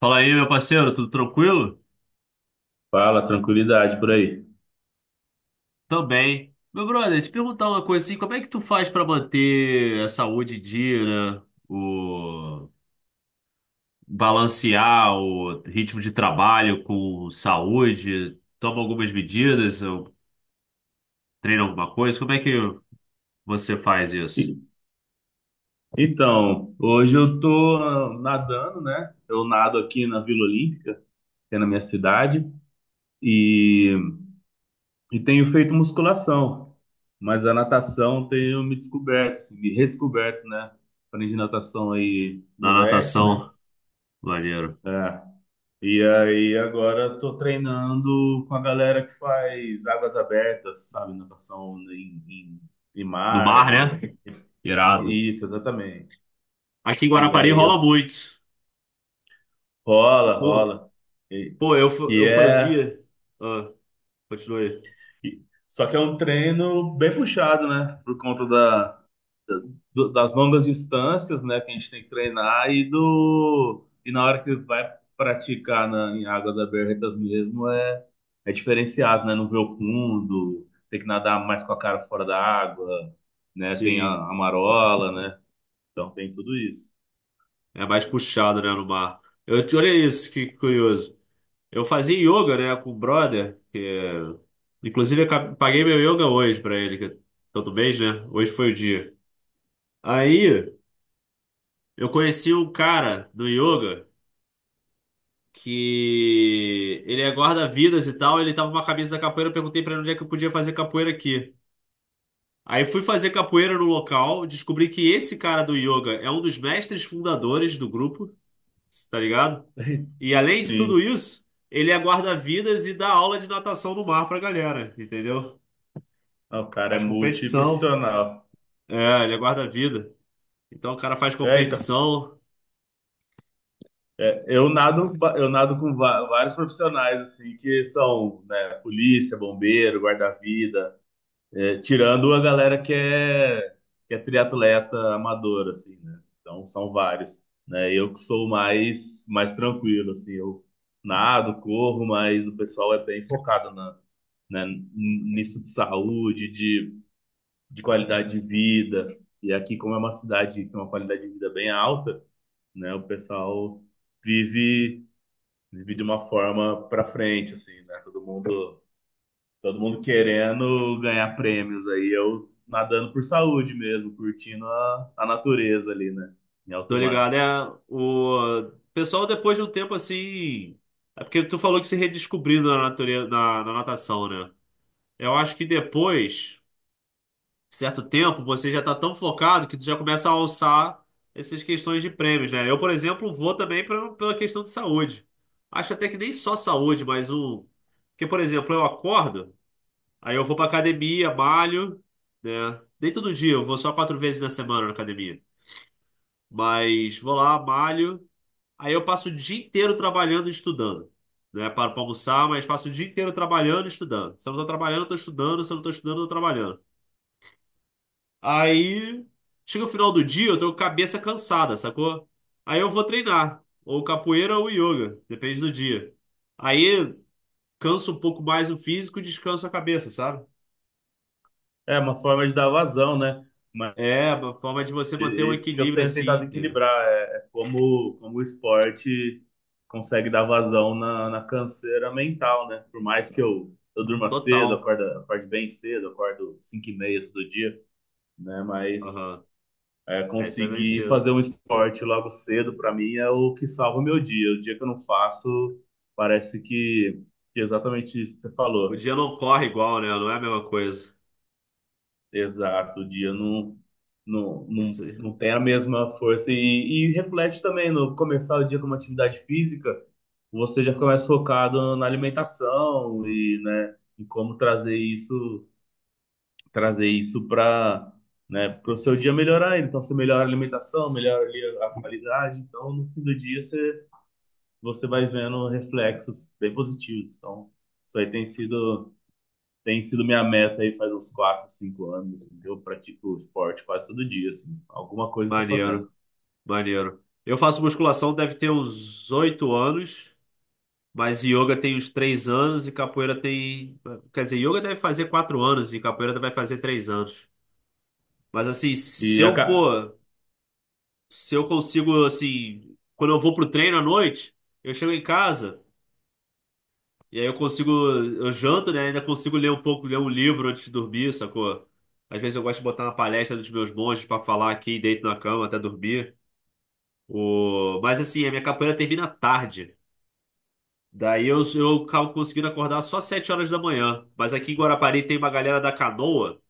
Fala aí, meu parceiro, tudo tranquilo? Fala, tranquilidade por aí. Também. Meu brother, te perguntar uma coisa assim, como é que tu faz pra manter a saúde em dia, né? O balancear o ritmo de trabalho com saúde, toma algumas medidas, ou treina alguma coisa? Como é que você faz isso? E- Então, hoje eu tô nadando, né? Eu nado aqui na Vila Olímpica, que é na minha cidade, e, e tenho feito musculação, mas a natação tenho me descoberto, assim, me redescoberto, né? Aprendi natação aí, Na moleque, né? natação, maneiro. É. E aí agora eu tô treinando com a galera que faz águas abertas, sabe? Natação em No mar, mar, né? Irado. Isso, exatamente. Aqui em E Guarapari aí rola eu muito. Rola, Pô, rola. E, eu, e eu é. fazia. Ah, continue. e- Só que é um treino bem puxado, né? Por conta das longas distâncias, né? Que a gente tem que treinar. E na hora que vai praticar em águas abertas mesmo, é diferenciado, né? Não vê o fundo, tem que nadar mais com a cara fora da água, né? Tem a, Sim. a marola, né? Então tem tudo isso. É mais puxado, né, no mar. Olha isso, que curioso. Eu fazia yoga, né, com o brother, que, é, inclusive eu paguei meu yoga hoje pra ele, que é todo mês, né? Hoje foi o dia. Aí eu conheci um cara do yoga que ele é guarda-vidas e tal, ele tava com uma camisa da capoeira, eu perguntei pra ele onde é que eu podia fazer capoeira aqui. Aí fui fazer capoeira no local, descobri que esse cara do yoga é um dos mestres fundadores do grupo, tá ligado? E além de tudo Sim. isso, ele é guarda-vidas e dá aula de natação no mar pra galera, entendeu? Ah, o Ele cara é faz competição. multiprofissional. É, ele é guarda-vida. Então o cara faz É, então. competição, Eu nado com vários profissionais, assim, que são, né, polícia, bombeiro, guarda-vida, é, tirando a galera que é, triatleta amador, assim, né? Então, são vários, né? Eu que sou mais tranquilo, assim, eu nado, corro, mas o pessoal é bem focado né, nisso de saúde, de qualidade de vida. E aqui, como é uma cidade que tem uma qualidade de vida bem alta, né, o pessoal vive de uma forma para frente, assim, né? Todo mundo querendo ganhar prêmios aí, eu nadando por saúde mesmo, curtindo a natureza ali, né? Em tô alto ligado, mar. é o pessoal depois de um tempo assim, é porque tu falou que se redescobriu na natureza, na natação, né? Eu acho que depois certo tempo, você já está tão focado que tu já começa a alçar essas questões de prêmios, né? Eu, por exemplo, vou também pela questão de saúde. Acho até que nem só saúde, mas um. Porque, por exemplo, eu acordo, aí eu vou pra academia, malho, né? Nem todo dia, eu vou só quatro vezes na semana na academia. Mas vou lá, malho, aí eu passo o dia inteiro trabalhando e estudando. Né, paro para almoçar, mas passo o dia inteiro trabalhando e estudando. Se eu não estou trabalhando, eu estou estudando. Se eu não estou estudando, eu estou trabalhando. Aí chega o final do dia, eu tô com a cabeça cansada, sacou? Aí eu vou treinar, ou capoeira ou yoga, depende do dia. Aí canso um pouco mais o físico e descanso a cabeça, sabe? É uma forma de dar vazão, né? Mas É uma forma de você é manter um isso que eu equilíbrio tenho assim, tentado de- equilibrar é, como o esporte consegue dar vazão na canseira mental, né? Por mais que eu durma cedo, total. Acorde bem cedo, acordo 5h30 todo dia, né? Mas Aham. é, É, isso é bem conseguir fazer cedo. um esporte logo cedo, para mim, é o que salva o meu dia. O dia que eu não faço, parece que é exatamente isso que você O falou. dia não corre igual, né? Não é a mesma coisa. Exato, o dia não, não, não, Sim. não tem a mesma força. E reflete também no começar o dia com uma atividade física, você já começa focado na alimentação e, né, em como trazer isso para o seu dia melhorar. Ele. Então, você melhora a alimentação, melhora ali a qualidade. Então, no fim do dia, você vai vendo reflexos bem positivos. Então, isso aí tem sido, minha meta aí faz uns 4, 5 anos, assim, que eu pratico esporte quase todo dia, assim. Alguma coisa eu tô fazendo. Maneiro, maneiro. Eu faço musculação, deve ter uns 8 anos. Mas yoga tem uns 3 anos e capoeira tem. Quer dizer, yoga deve fazer 4 anos e capoeira vai fazer 3 anos. Mas assim, E, se eu, aca- pô, se eu consigo, assim, quando eu vou pro treino à noite, eu chego em casa e aí eu consigo, eu janto, né? Ainda consigo ler um pouco, ler um livro antes de dormir, sacou? Às vezes eu gosto de botar uma palestra dos meus monges pra falar aqui, deito na cama até dormir. O... Mas assim, a minha capoeira termina tarde. Daí eu acabo conseguindo acordar só 7 horas da manhã. Mas aqui em Guarapari tem uma galera da canoa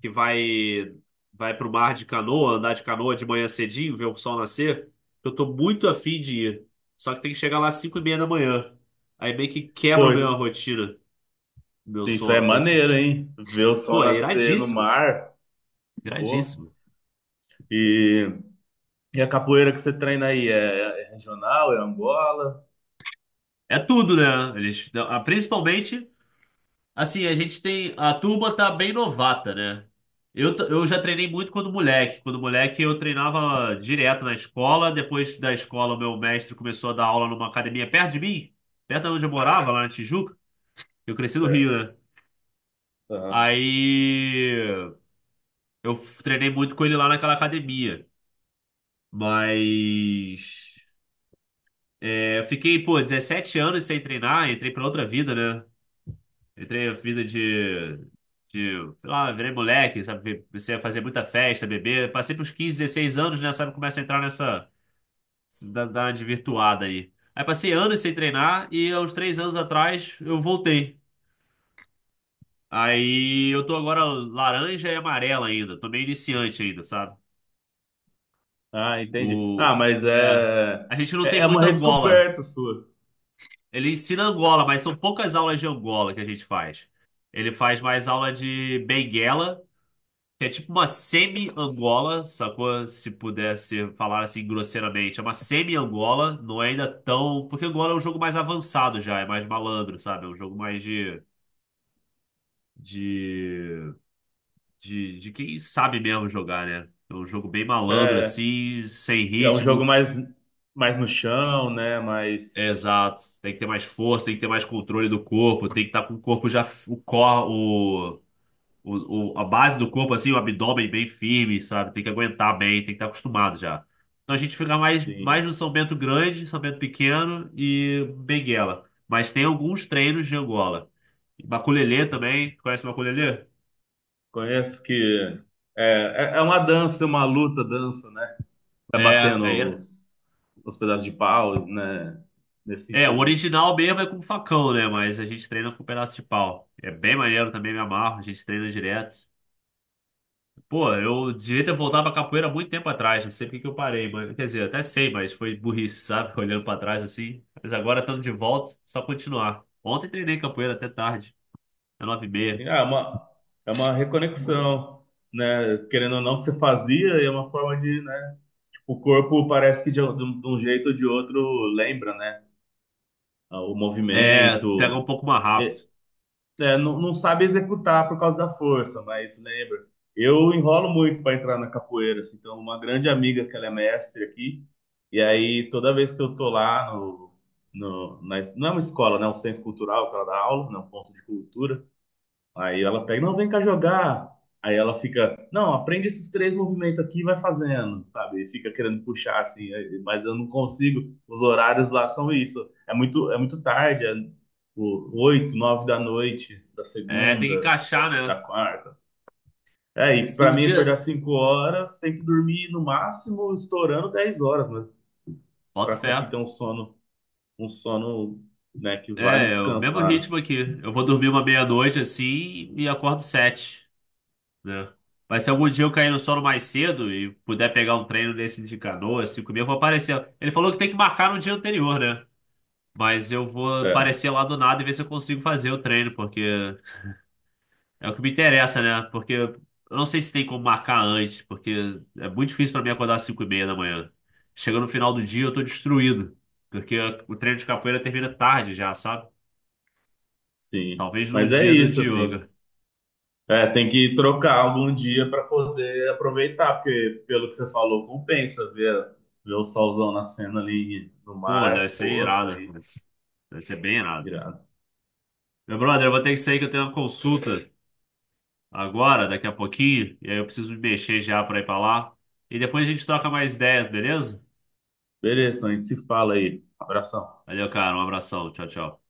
que vai pro mar de canoa, andar de canoa de manhã cedinho, ver o sol nascer. Eu tô muito afim de ir. Só que tem que chegar lá às 5 e meia da manhã. Aí meio que quebra a minha Pois, rotina, meu isso aí é sono, porque, maneiro, hein? Ver o sol pô, é nascer no iradíssimo. mar, pô. Iradíssimo. E, e a capoeira que você treina aí, é, é, regional, é Angola? É tudo, né? Eles, ah, principalmente. Assim, a gente tem. A turma tá bem novata, né? Eu já treinei muito quando moleque. Quando moleque, eu treinava direto na escola. Depois da escola, o meu mestre começou a dar aula numa academia perto de mim, perto de onde eu morava, lá na Tijuca. Eu cresci no Rio, né? Aham. Aí treinei muito com ele lá naquela academia. Mas, é, eu fiquei, pô, 17 anos sem treinar, entrei pra outra vida, né? Entrei na vida de, sei lá, virei moleque, sabe? Comecei a fazer muita festa, beber. Passei pros 15, 16 anos, né? Sabe? Começa a entrar nessa da, virtuada aí. Aí passei anos sem treinar e aos 3 anos atrás eu voltei. Aí eu tô agora laranja e amarela ainda. Tô meio iniciante ainda, sabe? Ah, entendi. Ah, O, mas é, é, a gente não é, tem é uma muita Angola. redescoberta sua. Ele ensina Angola, mas são poucas aulas de Angola que a gente faz. Ele faz mais aula de Benguela. É tipo uma semi-Angola, sacou? Se pudesse falar assim grosseiramente. É uma semi-Angola, não é ainda tão. Porque Angola é um jogo mais avançado já, é mais malandro, sabe? É um jogo mais De. de quem sabe mesmo jogar, né? É um jogo bem malandro, É, assim, sem é um jogo ritmo. mais no chão, né? Mais, Exato. Tem que ter mais força, tem que ter mais controle do corpo, tem que estar com o corpo já. O, cor, o- a base do corpo, assim, o abdômen bem firme, sabe? Tem que aguentar bem, tem que estar acostumado já. Então a gente fica mais, mais sim, no São Bento Grande, São Bento Pequeno e Benguela. Mas tem alguns treinos de Angola. Maculelê também, conhece Maculelê? conheço que é uma dança, uma luta, dança, né? Vai É, aí batendo era- os pedaços de pau, né? Nesse o sentido. original mesmo é com facão, né? Mas a gente treina com pedaço de pau. É bem maneiro também, me amarro, a gente treina direto. Pô, eu devia ter voltado pra capoeira há muito tempo atrás, não sei por que que eu parei, mas, quer dizer, até sei, mas foi burrice, sabe? Olhando pra trás assim. Mas agora estando de volta, só continuar. Ontem treinei capoeira até tarde, é 9h30. Sim, ah, é uma reconexão, né? Querendo ou não, que você fazia, e é uma forma de, né? O corpo parece de um jeito ou de outro lembra, né? O É, pega um movimento. pouco mais rápido. É, é, não sabe executar por causa da força, mas lembra. Eu enrolo muito para entrar na capoeira, assim, então uma grande amiga que ela é mestre aqui, e aí toda vez que eu tô lá não é uma escola, né, é um centro cultural que ela dá aula, né, um ponto de cultura. Aí ela pega, não, vem cá jogar. Aí ela fica, não, aprende esses três movimentos aqui e vai fazendo, sabe? E fica querendo puxar assim, mas eu não consigo. Os horários lá são isso. É muito tarde, é 8, 9 da noite, da É, tem que segunda, da, encaixar, da né? quarta. É, e Se para um mim acordar dia, 5 horas, tem que dormir no máximo estourando 10 horas, mas boto para fé. conseguir ter um sono, um sono, né, que vai me É, é o mesmo descansar, né? ritmo aqui. Eu vou dormir uma meia-noite assim e acordo sete, né? Mas se algum dia eu cair no sono mais cedo e puder pegar um treino desse de canoa, cinco mil, eu vou aparecer. Ele falou que tem que marcar no dia anterior, né? Mas eu vou É, aparecer lá do nada e ver se eu consigo fazer o treino, porque é o que me interessa, né? Porque eu não sei se tem como marcar antes, porque é muito difícil pra mim acordar às 5 e meia da manhã. Chega no final do dia, eu tô destruído, porque o treino de capoeira termina tarde já, sabe? sim. Talvez no Mas é dia do isso, de assim. yoga. É, tem que trocar É. algum dia para poder aproveitar, porque pelo que você falou, compensa ver o solzão nascendo ali no Pô, deve mar. ser Pô, isso irado, aí, mas deve ser bem irado. irado. Meu brother, eu vou ter que sair que eu tenho uma consulta agora, daqui a pouquinho, e aí eu preciso me mexer já pra ir pra lá. E depois a gente troca mais ideias, beleza? Beleza, então a gente se fala aí. Abração. Valeu, cara. Um abração. Tchau, tchau.